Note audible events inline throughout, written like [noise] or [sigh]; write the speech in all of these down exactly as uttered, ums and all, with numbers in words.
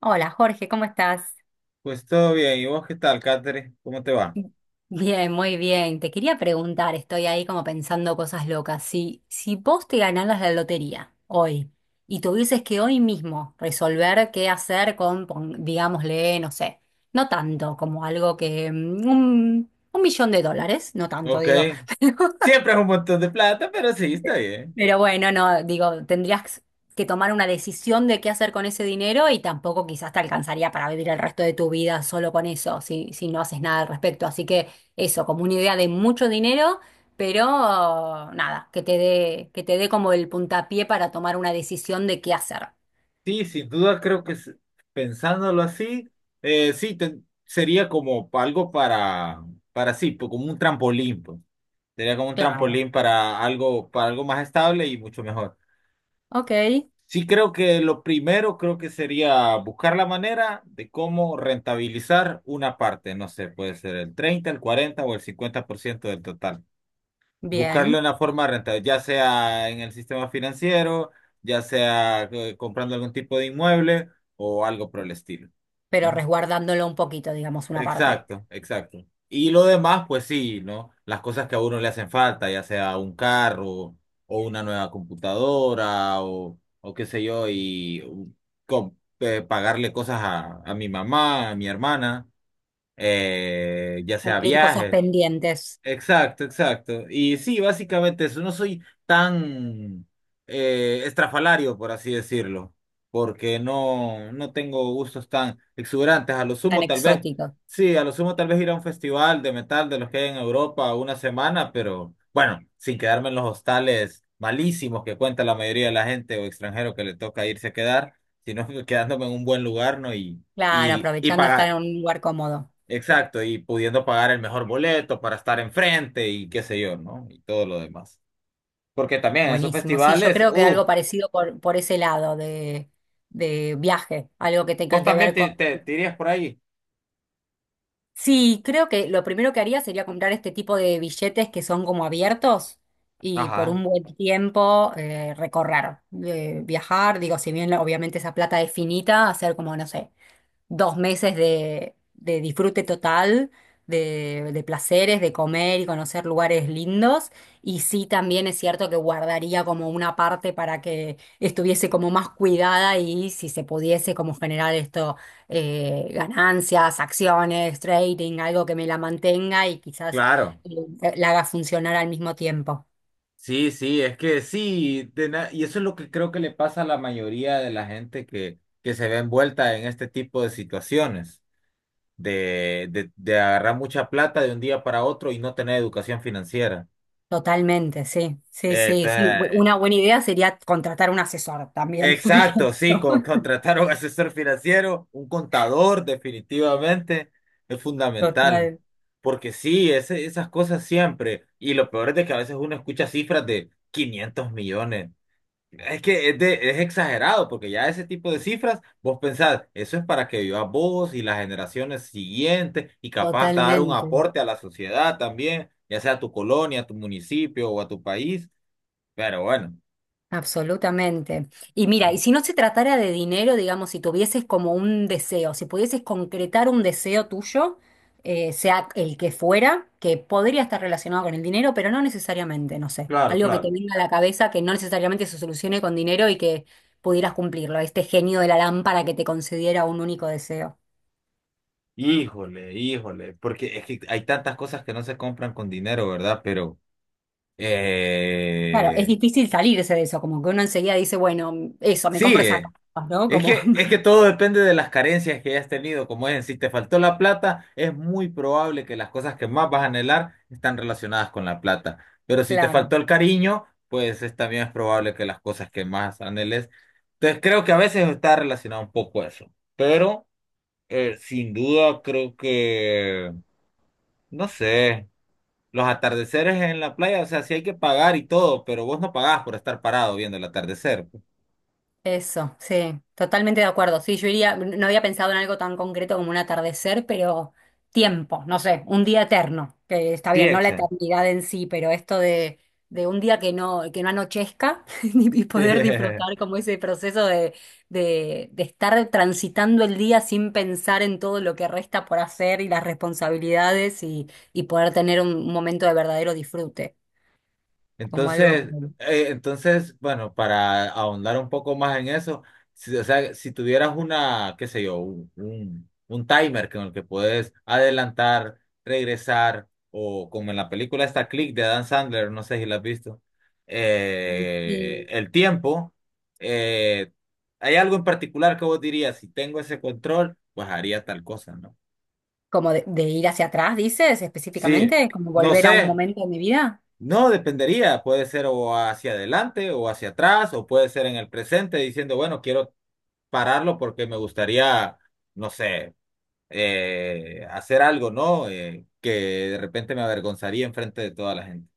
Hola Jorge, ¿cómo estás? Pues todo bien. ¿Y vos qué tal, Catherine? ¿Cómo te va? Bien, muy bien. Te quería preguntar, estoy ahí como pensando cosas locas. Si, si vos te ganaras la lotería hoy y tuvieses que hoy mismo resolver qué hacer con, pon- digámosle, no sé, no tanto como algo que mm, un, un millón de dólares, no tanto Ok. digo. [laughs] Siempre es un montón de plata, pero sí, está bien. Pero bueno, no, digo, tendrías que tomar una decisión de qué hacer con ese dinero y tampoco quizás te alcanzaría para vivir el resto de tu vida solo con eso, si, si no haces nada al respecto. Así que eso, como una idea de mucho dinero, pero nada, que te dé, que te dé como el puntapié para tomar una decisión de qué hacer. Sí, sin duda creo que s- pensándolo así, eh, sí, ten- sería como pa- algo para, para sí, pues, como un trampolín, pues. Sería como un Claro. trampolín para algo, para algo más estable y mucho mejor. Ok, Sí, creo que lo primero creo que sería buscar la manera de cómo rentabilizar una parte. No sé, puede ser el treinta, el cuarenta o el cincuenta por ciento del total. Buscarle bien, una forma rentable, ya sea en el sistema financiero, ya sea eh, comprando algún tipo de inmueble o algo por el estilo, pero ¿no? resguardándolo un poquito, digamos, una parte. Exacto, exacto. Y lo demás, pues sí, ¿no? Las cosas que a uno le hacen falta, ya sea un carro o una nueva computadora o, o qué sé yo, y u- com- eh, pagarle cosas a, a mi mamá, a mi hermana, eh, ya sea Cumplir cosas viajes. pendientes Exacto, exacto. Y sí, básicamente eso. No soy tan eh, estrafalario, por así decirlo, porque no, no tengo gustos tan exuberantes. A lo tan sumo, tal vez, exóticos. sí, a lo sumo, tal vez ir a un festival de metal de los que hay en Europa una semana, pero bueno, sin quedarme en los hostales malísimos que cuenta la mayoría de la gente o extranjero que le toca irse a quedar, sino [laughs] quedándome en un buen lugar, ¿no? Y, Claro, y, y aprovechando estar pagar- en un lugar cómodo. exacto, y pudiendo pagar el mejor boleto para estar enfrente y qué sé yo, ¿no? Y todo lo demás. Porque también esos Buenísimo, sí, yo festivales, creo que uff, algo parecido por, por ese lado de, de viaje, algo que vos tenga que también ver con... te, te, te irías por ahí. Sí, creo que lo primero que haría sería comprar este tipo de billetes que son como abiertos y por Ajá, un buen tiempo eh, recorrer, eh, viajar, digo, si bien obviamente esa plata es finita, hacer como, no sé, dos meses de, de disfrute total, de, de placeres, de comer y conocer lugares lindos. Y sí, también es cierto que guardaría como una parte para que estuviese como más cuidada y si se pudiese como generar esto, eh, ganancias, acciones, trading, algo que me la mantenga y quizás claro. eh, la haga funcionar al mismo tiempo. Sí, sí, es que sí, de na- y eso es lo que creo que le pasa a la mayoría de la gente que, que se ve envuelta en este tipo de situaciones, de, de, de agarrar mucha plata de un día para otro y no tener educación financiera. Totalmente, sí, sí, Eh, sí, sí. Bu- Una buena idea sería contratar un asesor también, [laughs] por ejemplo. Exacto, sí, con- contratar a un asesor financiero, un contador, definitivamente es fundamental. Total. Porque sí, ese- esas cosas siempre. Y lo peor es de que a veces uno escucha cifras de quinientos millones. Es que es, de- es exagerado, porque ya ese tipo de cifras, vos pensás, eso es para que vivas vos y las generaciones siguientes, y capaz hasta dar un Totalmente, aporte a la sociedad también, ya sea a tu colonia, a tu municipio o a tu país. Pero bueno, absolutamente. Y mira, y ah, si no se tratara de dinero, digamos, si tuvieses como un deseo, si pudieses concretar un deseo tuyo, eh, sea el que fuera, que podría estar relacionado con el dinero, pero no necesariamente, no sé, claro, algo que te claro. venga a la cabeza que no necesariamente se solucione con dinero y que pudieras cumplirlo, este genio de la lámpara que te concediera un único deseo. Híjole, híjole, porque es que hay tantas cosas que no se compran con dinero, ¿verdad? Pero Claro, es eh, difícil salirse de eso, como que uno enseguida dice, bueno, eso, me sí, compro esa eh, casa, ¿no? es Como, que, es que todo depende de las carencias que hayas tenido. Como es, si te faltó la plata, es muy probable que las cosas que más vas a anhelar están relacionadas con la plata. Pero [laughs] si te faltó claro. el cariño, pues es, también es probable que las cosas que más anheles. Entonces creo que a veces está relacionado un poco eso. Pero eh, sin duda creo que, no sé. Los atardeceres en la playa, o sea, sí hay que pagar y todo, pero vos no pagás por estar parado viendo el atardecer. Eso, sí, totalmente de acuerdo. Sí, yo iría, no había pensado en algo tan concreto como un atardecer, pero tiempo, no sé, un día eterno, que está Sí, bien, no la Exe. eternidad en sí, pero esto de, de un día que no, que no anochezca, [laughs] y poder [laughs] disfrutar como ese proceso de, de, de estar transitando el día sin pensar en todo lo que resta por hacer y las responsabilidades, y, y poder tener un momento de verdadero disfrute, como algo... Entonces, eh, entonces, bueno, para ahondar un poco más en eso, si, o sea, si tuvieras una, qué sé yo, un, un, un timer con el que puedes adelantar, regresar, o como en la película esta Click de Adam Sandler, no sé si la has visto, eh, Sí. el tiempo, eh, ¿hay algo en particular que vos dirías? Si tengo ese control, pues haría tal cosa, ¿no? Como de, de ir hacia atrás, dices Sí, específicamente, como no volver a un sé. momento de mi vida. No, dependería, puede ser o hacia adelante o hacia atrás o puede ser en el presente diciendo, bueno, quiero pararlo porque me gustaría, no sé, eh, hacer algo, ¿no? Eh, que de repente me avergonzaría enfrente de toda la gente.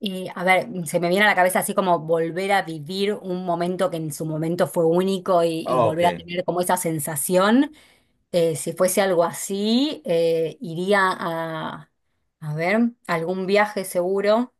Y a ver, se me viene a la cabeza así como volver a vivir un momento que en su momento fue único y, y Ok, volver a tener como esa sensación. Eh, si fuese algo así, eh, iría a, a ver, algún viaje seguro.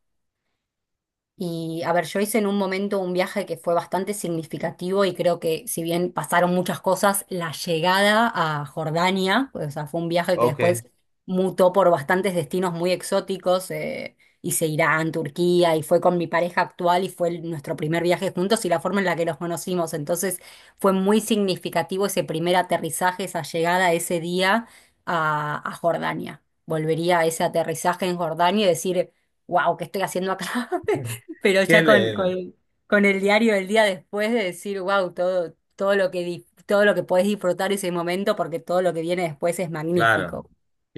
Y a ver, yo hice en un momento un viaje que fue bastante significativo y creo que si bien pasaron muchas cosas, la llegada a Jordania, o sea, fue un viaje que ok. después mutó por bastantes destinos muy exóticos. eh, hice Irán, Turquía y fue con mi pareja actual y fue el- nuestro primer viaje juntos y la forma en la que nos conocimos. Entonces fue muy significativo ese primer aterrizaje, esa llegada ese día a, a Jordania. Volvería a ese aterrizaje en Jordania y decir, wow, ¿qué estoy haciendo acá? [laughs] [laughs] Pero ¿Qué ya con, le? con, con el diario del día después de decir, wow, todo, todo lo que di- todo lo que podés disfrutar ese momento, porque todo lo que viene después es Claro, magnífico.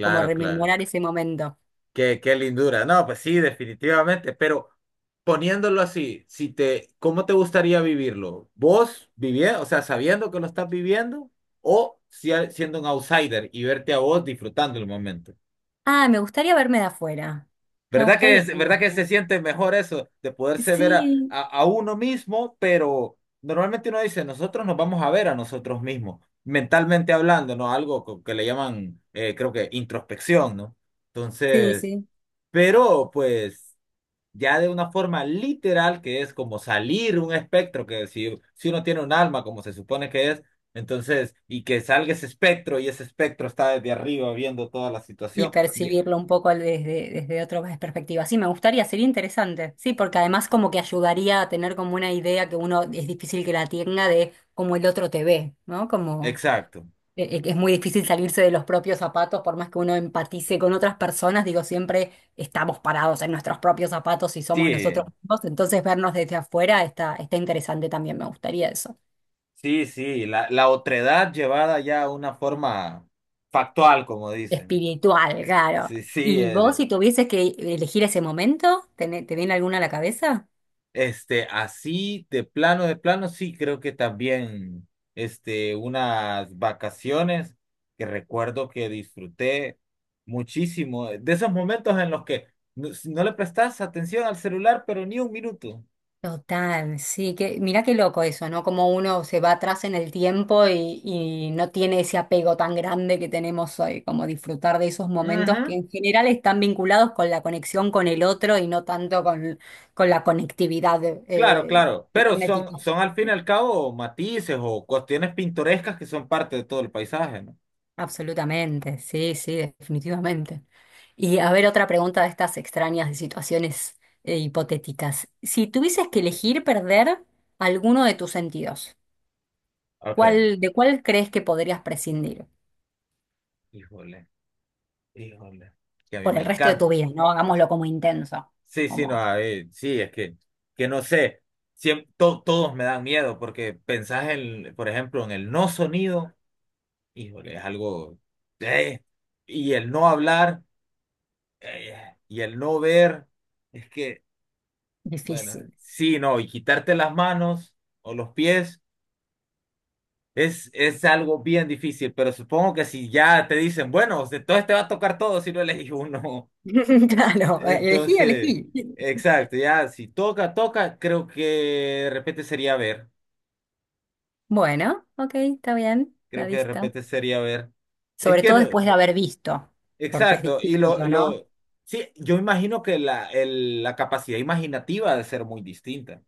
Como claro. rememorar ese momento. Qué, qué lindura. No, pues sí, definitivamente, pero poniéndolo así, si te, ¿cómo te gustaría vivirlo? ¿Vos viviendo, o sea, sabiendo que lo estás viviendo o si- siendo un outsider y verte a vos disfrutando el momento? Ah, me gustaría verme de afuera. Me ¿Verdad que, gustaría es- verdad verlo, que se ¿no? siente mejor eso de poderse ver a, Sí, a, a uno mismo, pero normalmente uno dice, nosotros nos vamos a ver a nosotros mismos, mentalmente hablando, ¿no? Algo co- que le llaman, eh, creo que introspección, ¿no? sí, Entonces... sí. pero, pues, ya de una forma literal, que es como salir un espectro, que si, si uno tiene un alma, como se supone que es, entonces, y que salga ese espectro y ese espectro está desde arriba viendo toda la Y situación. Ye- percibirlo un poco desde, desde otra perspectiva. Sí, me gustaría, sería interesante. Sí, porque además como que ayudaría a tener como una idea que uno es difícil que la tenga de cómo el otro te ve, ¿no? Como exacto. e- e- es muy difícil salirse de los propios zapatos, por más que uno empatice con otras personas, digo, siempre estamos parados en nuestros propios zapatos y somos nosotros Sí, mismos, entonces vernos desde afuera está, está interesante también, me gustaría eso. sí, sí, la, la otredad llevada ya a una forma factual, como dicen. Espiritual, claro. Sí, sí, ¿Y vos es, si tuvieses que elegir ese momento, ¿Tené- te viene alguna a la cabeza? este, así de plano, de plano, sí, creo que también, este, unas vacaciones que recuerdo que disfruté muchísimo, eh, de esos momentos en los que no, no le prestas atención al celular, pero ni un minuto. Total, sí, que mira qué loco eso, ¿no? Como uno se va atrás en el tiempo y, y no tiene ese apego tan grande que tenemos hoy, como disfrutar de esos momentos que Ujú, en general están vinculados con la conexión con el otro y no tanto con, con la conectividad claro, eh, claro, pero son, cibernética. son al fin y al cabo matices o cuestiones pintorescas que son parte de todo el paisaje, ¿no? Absolutamente, sí, sí, definitivamente. Y a ver, otra pregunta de estas extrañas de situaciones eh, hipotéticas. Si tuvieses que elegir perder alguno de tus sentidos. Ok, ¿Cuál, de cuál crees que podrías prescindir híjole, híjole, que a mí por me el resto de tu encanta. vida? No hagámoslo como intenso, Sí, sí, no, como a ver, sí, es que, que no sé, siem- to- todos me dan miedo porque pensás en, por ejemplo, en el no sonido, híjole, es algo, eh, y el no hablar, eh, y el no ver, es que, bueno, difícil. sí, no, y quitarte las manos o los pies es, es algo bien difícil, pero supongo que si ya te dicen, bueno, entonces te va a tocar todo si no elegís uno. [laughs] Claro, elegí, elegí. Entonces, exacto, ya si toca, toca, creo que de repente sería ver. Bueno, ok, está bien, la Creo que de vista. repente sería ver. Es Sobre que, todo después de no- haber visto, porque es exacto, y lo, distinto, ¿no? lo, sí, yo imagino que la, el- la capacidad imaginativa ha de ser muy distinta.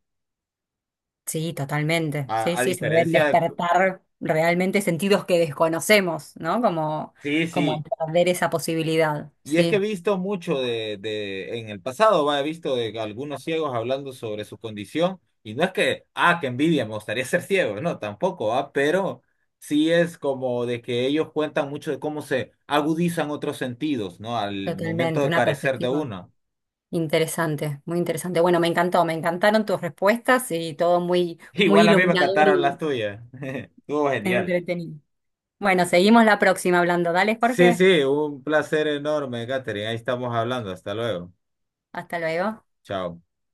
Sí, totalmente. A, Sí, a sí, se deben diferencia de, despertar realmente sentidos que desconocemos, ¿no? Como, sí, como al sí, perder esa posibilidad. y es que he Sí, visto mucho de, de en el pasado, va, he visto de algunos ciegos hablando sobre su condición, y no es que, ah, qué envidia, me gustaría ser ciego, no, tampoco, ah, pero sí es como de que ellos cuentan mucho de cómo se agudizan otros sentidos, ¿no? Al momento totalmente. de Una carecer de perspectiva. uno. Interesante, muy interesante. Bueno, me encantó, me encantaron tus respuestas y todo muy, [laughs] muy Igual a mí me iluminador cataron las y tuyas. [laughs] Estuvo genial. entretenido. Bueno, seguimos la próxima hablando. Dale, Sí, Jorge. sí, un placer enorme, Catherine. Ahí estamos hablando. Hasta luego. Hasta luego. Chao.